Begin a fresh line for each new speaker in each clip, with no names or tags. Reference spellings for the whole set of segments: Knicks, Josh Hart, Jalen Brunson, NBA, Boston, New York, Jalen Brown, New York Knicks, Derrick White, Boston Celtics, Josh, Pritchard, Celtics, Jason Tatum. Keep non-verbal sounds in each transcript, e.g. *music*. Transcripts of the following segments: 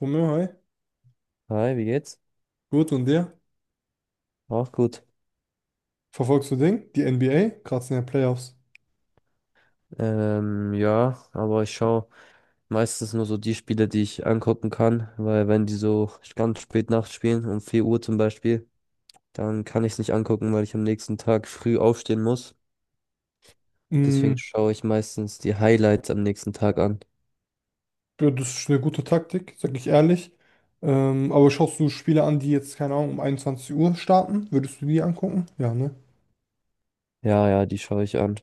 Romeo, hi.
Hi, wie geht's?
Gut, und dir?
Auch gut.
Verfolgst du Ding? Die NBA? Gerade sind ja Playoffs.
Ja, aber ich schaue meistens nur so die Spiele, die ich angucken kann, weil wenn die so ganz spät nachts spielen, um 4 Uhr zum Beispiel, dann kann ich es nicht angucken, weil ich am nächsten Tag früh aufstehen muss. Deswegen
Mm,
schaue ich meistens die Highlights am nächsten Tag an.
ja, das ist eine gute Taktik, sag ich ehrlich. Aber schaust du Spiele an, die jetzt, keine Ahnung, um 21 Uhr starten? Würdest du die angucken? Ja, ne?
Ja, ja, die schaue ich an.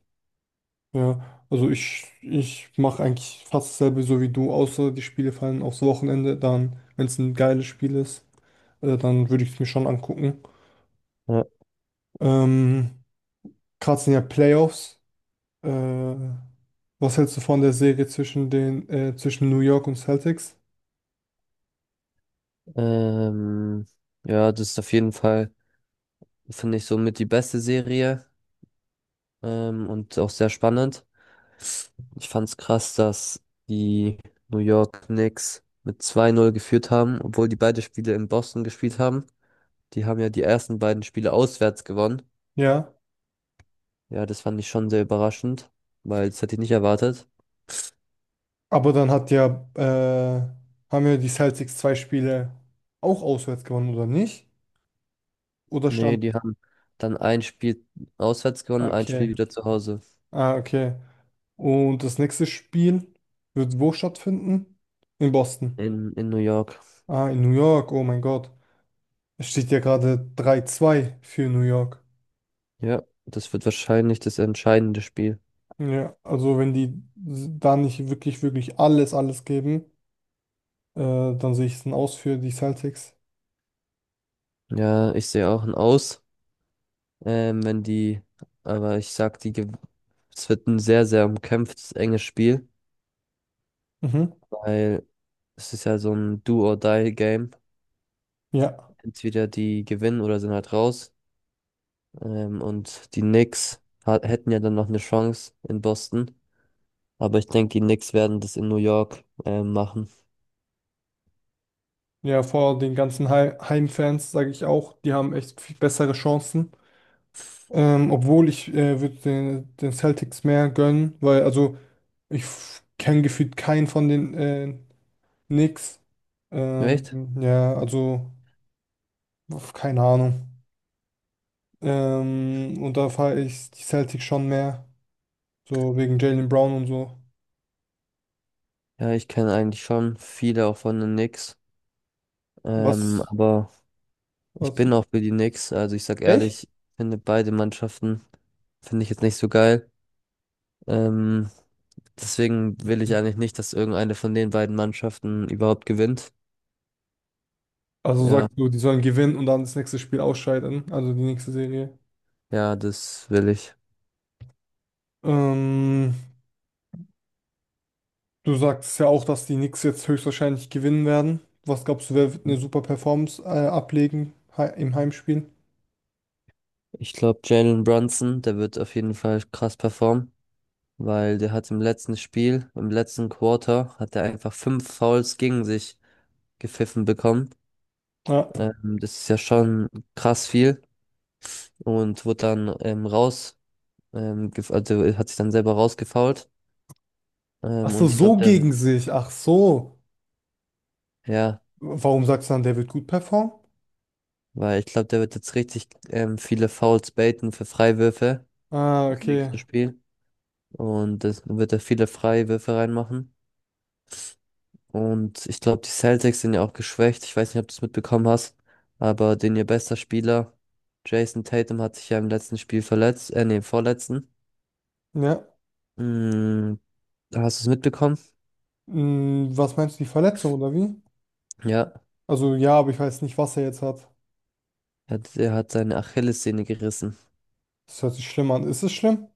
Ja, also ich mache eigentlich fast dasselbe so wie du, außer die Spiele fallen aufs Wochenende. Dann, wenn es ein geiles Spiel ist, dann würde ich es mir schon angucken.
Ja.
Ähm, Gerade sind ja Playoffs. Äh, Was hältst du von der Serie zwischen zwischen New York und Celtics?
Ähm, ja, das ist auf jeden Fall, finde ich, somit die beste Serie, und auch sehr spannend. Ich fand's krass, dass die New York Knicks mit 2:0 geführt haben, obwohl die beide Spiele in Boston gespielt haben. Die haben ja die ersten beiden Spiele auswärts gewonnen.
Ja,
Ja, das fand ich schon sehr überraschend, weil das hätte ich nicht erwartet.
aber dann haben ja die Celtics zwei Spiele auch auswärts gewonnen, oder nicht? Oder
Nee,
stand,
die haben dann ein Spiel auswärts gewonnen, ein Spiel
okay,
wieder zu Hause
okay. Und das nächste Spiel wird wo stattfinden? In Boston.
in New York.
Ah, in New York, oh mein Gott. Es steht ja gerade 3:2 für New York.
Ja, das wird wahrscheinlich das entscheidende Spiel.
Ja, also wenn die da nicht wirklich, wirklich alles, alles geben, dann sehe ich es ein Aus für die Celtics.
Ja, ich sehe auch ein Aus, wenn die, aber ich sag, es wird ein sehr, sehr umkämpftes, enges Spiel.
Mhm.
Weil es ist ja so ein Do-or-Die-Game.
Ja,
Entweder die gewinnen oder sind halt raus. Und die Knicks hätten ja dann noch eine Chance in Boston. Aber ich denke, die Knicks werden das in New York machen.
ja, vor den ganzen Heimfans sage ich auch, die haben echt viel bessere Chancen. Obwohl ich würde den Celtics mehr gönnen, weil also ich kenne gefühlt keinen von den Knicks. Ähm,
Echt?
ja, also uff, keine Ahnung. Und da fahre ich die Celtics schon mehr, so wegen Jalen Brown und so.
Ja, ich kenne eigentlich schon viele auch von den Knicks. Ähm,
Was,
aber ich
was?
bin auch für die Knicks. Also ich sag
Echt?
ehrlich, finde beide Mannschaften, finde ich jetzt nicht so geil. Ähm, deswegen will ich eigentlich nicht, dass irgendeine von den beiden Mannschaften überhaupt gewinnt.
Also
Ja.
sagst du, die sollen gewinnen und dann das nächste Spiel ausscheiden, also die nächste Serie.
Ja, das will ich.
Ähm, Du sagst ja auch, dass die Knicks jetzt höchstwahrscheinlich gewinnen werden. Was glaubst du, wer wird eine super Performance ablegen im Heimspiel?
Ich glaube, Jalen Brunson, der wird auf jeden Fall krass performen, weil der hat im letzten Spiel, im letzten Quarter, hat er einfach fünf Fouls gegen sich gepfiffen bekommen.
Ja.
Das ist ja schon krass viel und wurde dann raus, also er hat sich dann selber rausgefoult.
Ach
Und
so,
ich glaube,
so
der,
gegen sich. Ach so.
ja,
Warum sagst du dann, der wird gut performen?
weil ich glaube, der wird jetzt richtig viele Fouls baiten für Freiwürfe
Ah,
im
okay.
nächsten Spiel und das wird er viele Freiwürfe reinmachen. Und ich glaube, die Celtics sind ja auch geschwächt. Ich weiß nicht, ob du es mitbekommen hast, aber den ihr bester Spieler, Jason Tatum, hat sich ja im letzten Spiel verletzt, nee, im vorletzten.
Ja.
Mm, Hast du es mitbekommen?
Was meinst du, die Verletzung oder wie?
Ja,
Also ja, aber ich weiß nicht, was er jetzt hat.
er hat seine Achillessehne gerissen.
Das hört sich schlimm an. Ist es schlimm?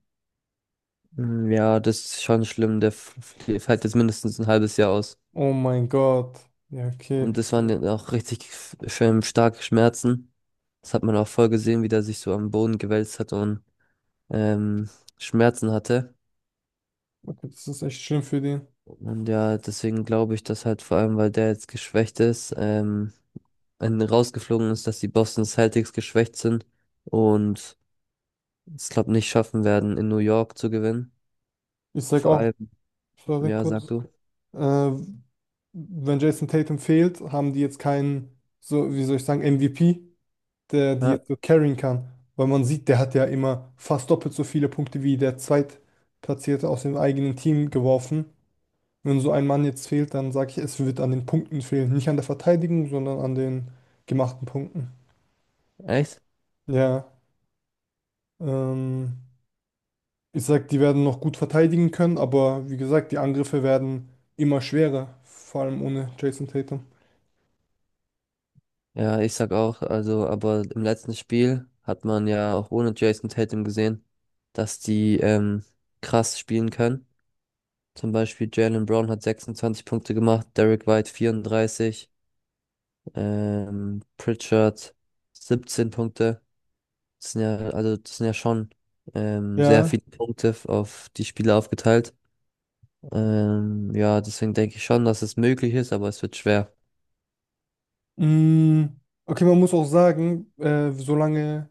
Mm, ja, das ist schon schlimm. Der fällt jetzt mindestens ein halbes Jahr aus.
Oh mein Gott. Ja, okay.
Und das waren dann auch richtig schön starke Schmerzen. Das hat man auch voll gesehen, wie der sich so am Boden gewälzt hat und ähm, Schmerzen hatte.
Okay, das ist echt schlimm für den.
Und ja, deswegen glaube ich, dass halt vor allem, weil der jetzt geschwächt ist, rausgeflogen ist, dass die Boston Celtics geschwächt sind und es, glaube nicht schaffen werden, in New York zu gewinnen.
Ich sag
Vor
auch,
allem,
sorry,
ja, sag
kurz.
du.
Äh, Wenn Jason Tatum fehlt, haben die jetzt keinen, so, wie soll ich sagen, MVP, der die
Ja,
jetzt so carryen kann. Weil man sieht, der hat ja immer fast doppelt so viele Punkte wie der Zweitplatzierte aus dem eigenen Team geworfen. Wenn so ein Mann jetzt fehlt, dann sage ich, es wird an den Punkten fehlen. Nicht an der Verteidigung, sondern an den gemachten Punkten.
echt?
Ja, ähm, ich sag, die werden noch gut verteidigen können, aber wie gesagt, die Angriffe werden immer schwerer, vor allem ohne Jason Tatum.
Ja, ich sag auch, also, aber im letzten Spiel hat man ja auch ohne Jason Tatum gesehen, dass die krass spielen können. Zum Beispiel Jalen Brown hat 26 Punkte gemacht, Derrick White 34. Pritchard 17 Punkte. Das sind ja, also das sind ja schon sehr
Ja,
viele Punkte auf die Spieler aufgeteilt. Ja, deswegen denke ich schon, dass es möglich ist, aber es wird schwer.
mm, okay, man muss auch sagen, solange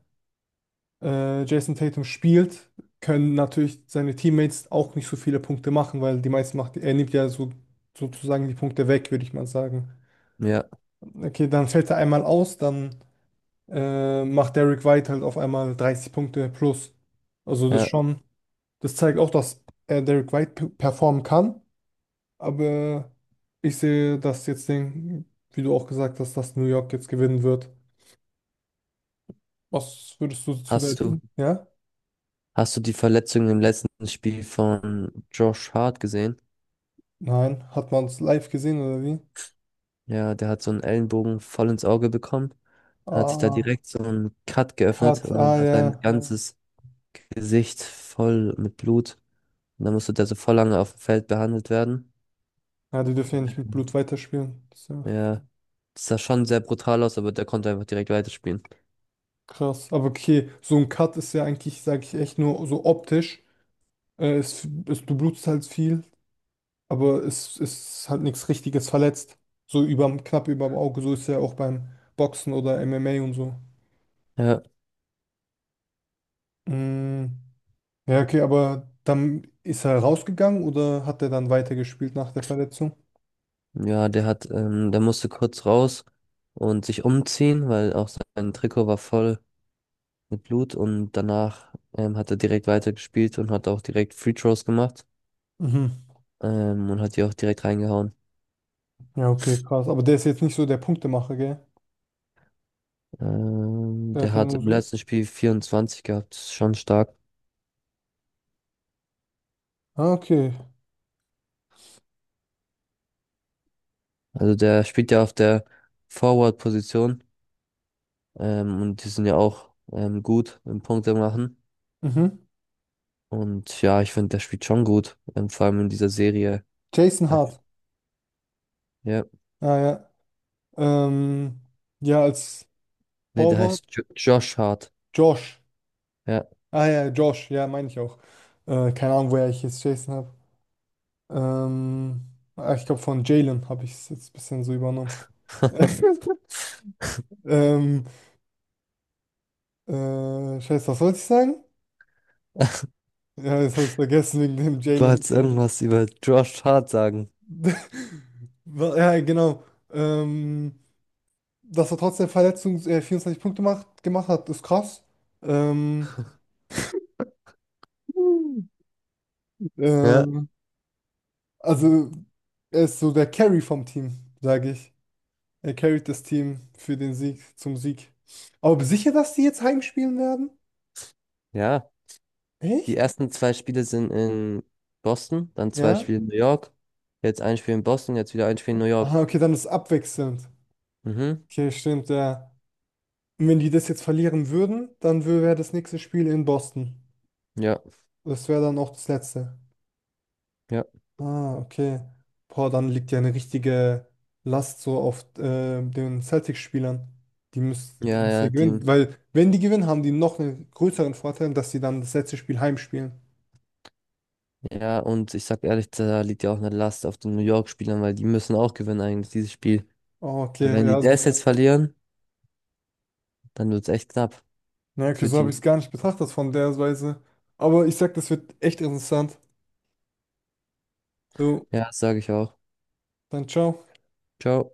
Jason Tatum spielt, können natürlich seine Teammates auch nicht so viele Punkte machen, weil die meisten macht, er nimmt ja so, sozusagen die Punkte weg, würde ich mal sagen.
Ja,
Okay, dann fällt er einmal aus, dann macht Derrick White halt auf einmal 30 Punkte plus. Also das
ja.
schon, das zeigt auch, dass er Derrick White performen kann, aber ich sehe, dass jetzt den, wie du auch gesagt hast, dass New York jetzt gewinnen wird. Was würdest du zu der
Hast du,
denken? Ja?
hast du die Verletzung im letzten Spiel von Josh Hart gesehen?
Nein, hat man es live gesehen oder wie?
Ja, der hat so einen Ellenbogen voll ins Auge bekommen. Hat sich da
Ah,
direkt so einen Cut geöffnet
Cut,
und dann
ah
hat sein
ja.
ganzes Gesicht voll mit Blut. Und dann musste der so voll lange auf dem Feld behandelt werden.
Ja, die dürfen ja nicht mit Blut weiterspielen. Das ist ja
Ja, das sah schon sehr brutal aus, aber der konnte einfach direkt weiterspielen.
krass. Aber okay, so ein Cut ist ja eigentlich, sage ich echt, nur so optisch. Du blutest halt viel, aber es ist halt nichts Richtiges verletzt. So knapp überm Auge, so ist ja auch beim Boxen oder MMA und so.
Ja,
Mm, ja, okay, aber dann ist er rausgegangen oder hat er dann weitergespielt nach der Verletzung?
ja, der musste kurz raus und sich umziehen, weil auch sein Trikot war voll mit Blut und danach hat er direkt weitergespielt und hat auch direkt Free Throws gemacht,
Mhm.
und hat die auch direkt reingehauen.
Ja, okay, krass. Aber der ist jetzt nicht so der Punktemacher, gell?
Ähm,
Der
der
hat ja
hat
nur
im
so.
letzten Spiel 24 gehabt, das ist schon stark.
Ah, okay.
Also der spielt ja auf der Forward-Position, und die sind ja auch gut im Punkte machen.
Mhm.
Und ja, ich finde, der spielt schon gut. Vor allem in dieser Serie.
Jason
Halt,
Hart.
ja,
Ah, ja. Ähm, ja, als
nee, der
Torwart.
heißt jo Josh Hart.
Josh.
Ja.
Ah, ja, Josh. Ja, meine ich auch. Keine Ahnung, woher ich jetzt Jason habe. Ähm, Ich glaube, von Jalen habe ich es jetzt ein bisschen so übernommen. *laughs*
*laughs*
ähm, scheiße, was wollte ich sagen? Ja, jetzt habe ich es vergessen wegen dem
Du
Jalen.
wolltest irgendwas über Josh Hart sagen.
*laughs* Ja, genau. Ähm, Dass er trotzdem Verletzungs 24 Punkte gemacht hat, ist krass. Ähm,
Ja.
ähm, also, er ist so der Carry vom Team, sage ich. Er carryt das Team zum Sieg. Aber bist du sicher, dass die jetzt heimspielen werden?
Ja, die
Echt?
ersten zwei Spiele sind in Boston, dann zwei
Ja?
Spiele in New York. Jetzt ein Spiel in Boston, jetzt wieder ein Spiel in New York.
Aha, okay, dann ist abwechselnd.
Mhm.
Okay, stimmt, ja. Und wenn die das jetzt verlieren würden, dann wäre das nächste Spiel in Boston.
Ja,
Das wäre dann auch das letzte.
ja,
Ah, okay. Boah, dann liegt ja eine richtige Last so auf den Celtics-Spielern. Die müssen, die
ja,
müssen ja
ja, die,
gewinnen, weil wenn die gewinnen, haben die noch einen größeren Vorteil, dass sie dann das letzte Spiel heimspielen.
ja, und ich sag ehrlich, da liegt ja auch eine Last auf den New York-Spielern, weil die müssen auch gewinnen eigentlich, dieses Spiel.
Oh,
Weil
okay,
wenn
ja.
die das jetzt verlieren, dann wird's echt knapp
Na, okay,
für
so habe
die.
ich es gar nicht betrachtet von der Weise. Aber ich sag, das wird echt interessant. So,
Ja, sage ich auch.
dann ciao.
Ciao.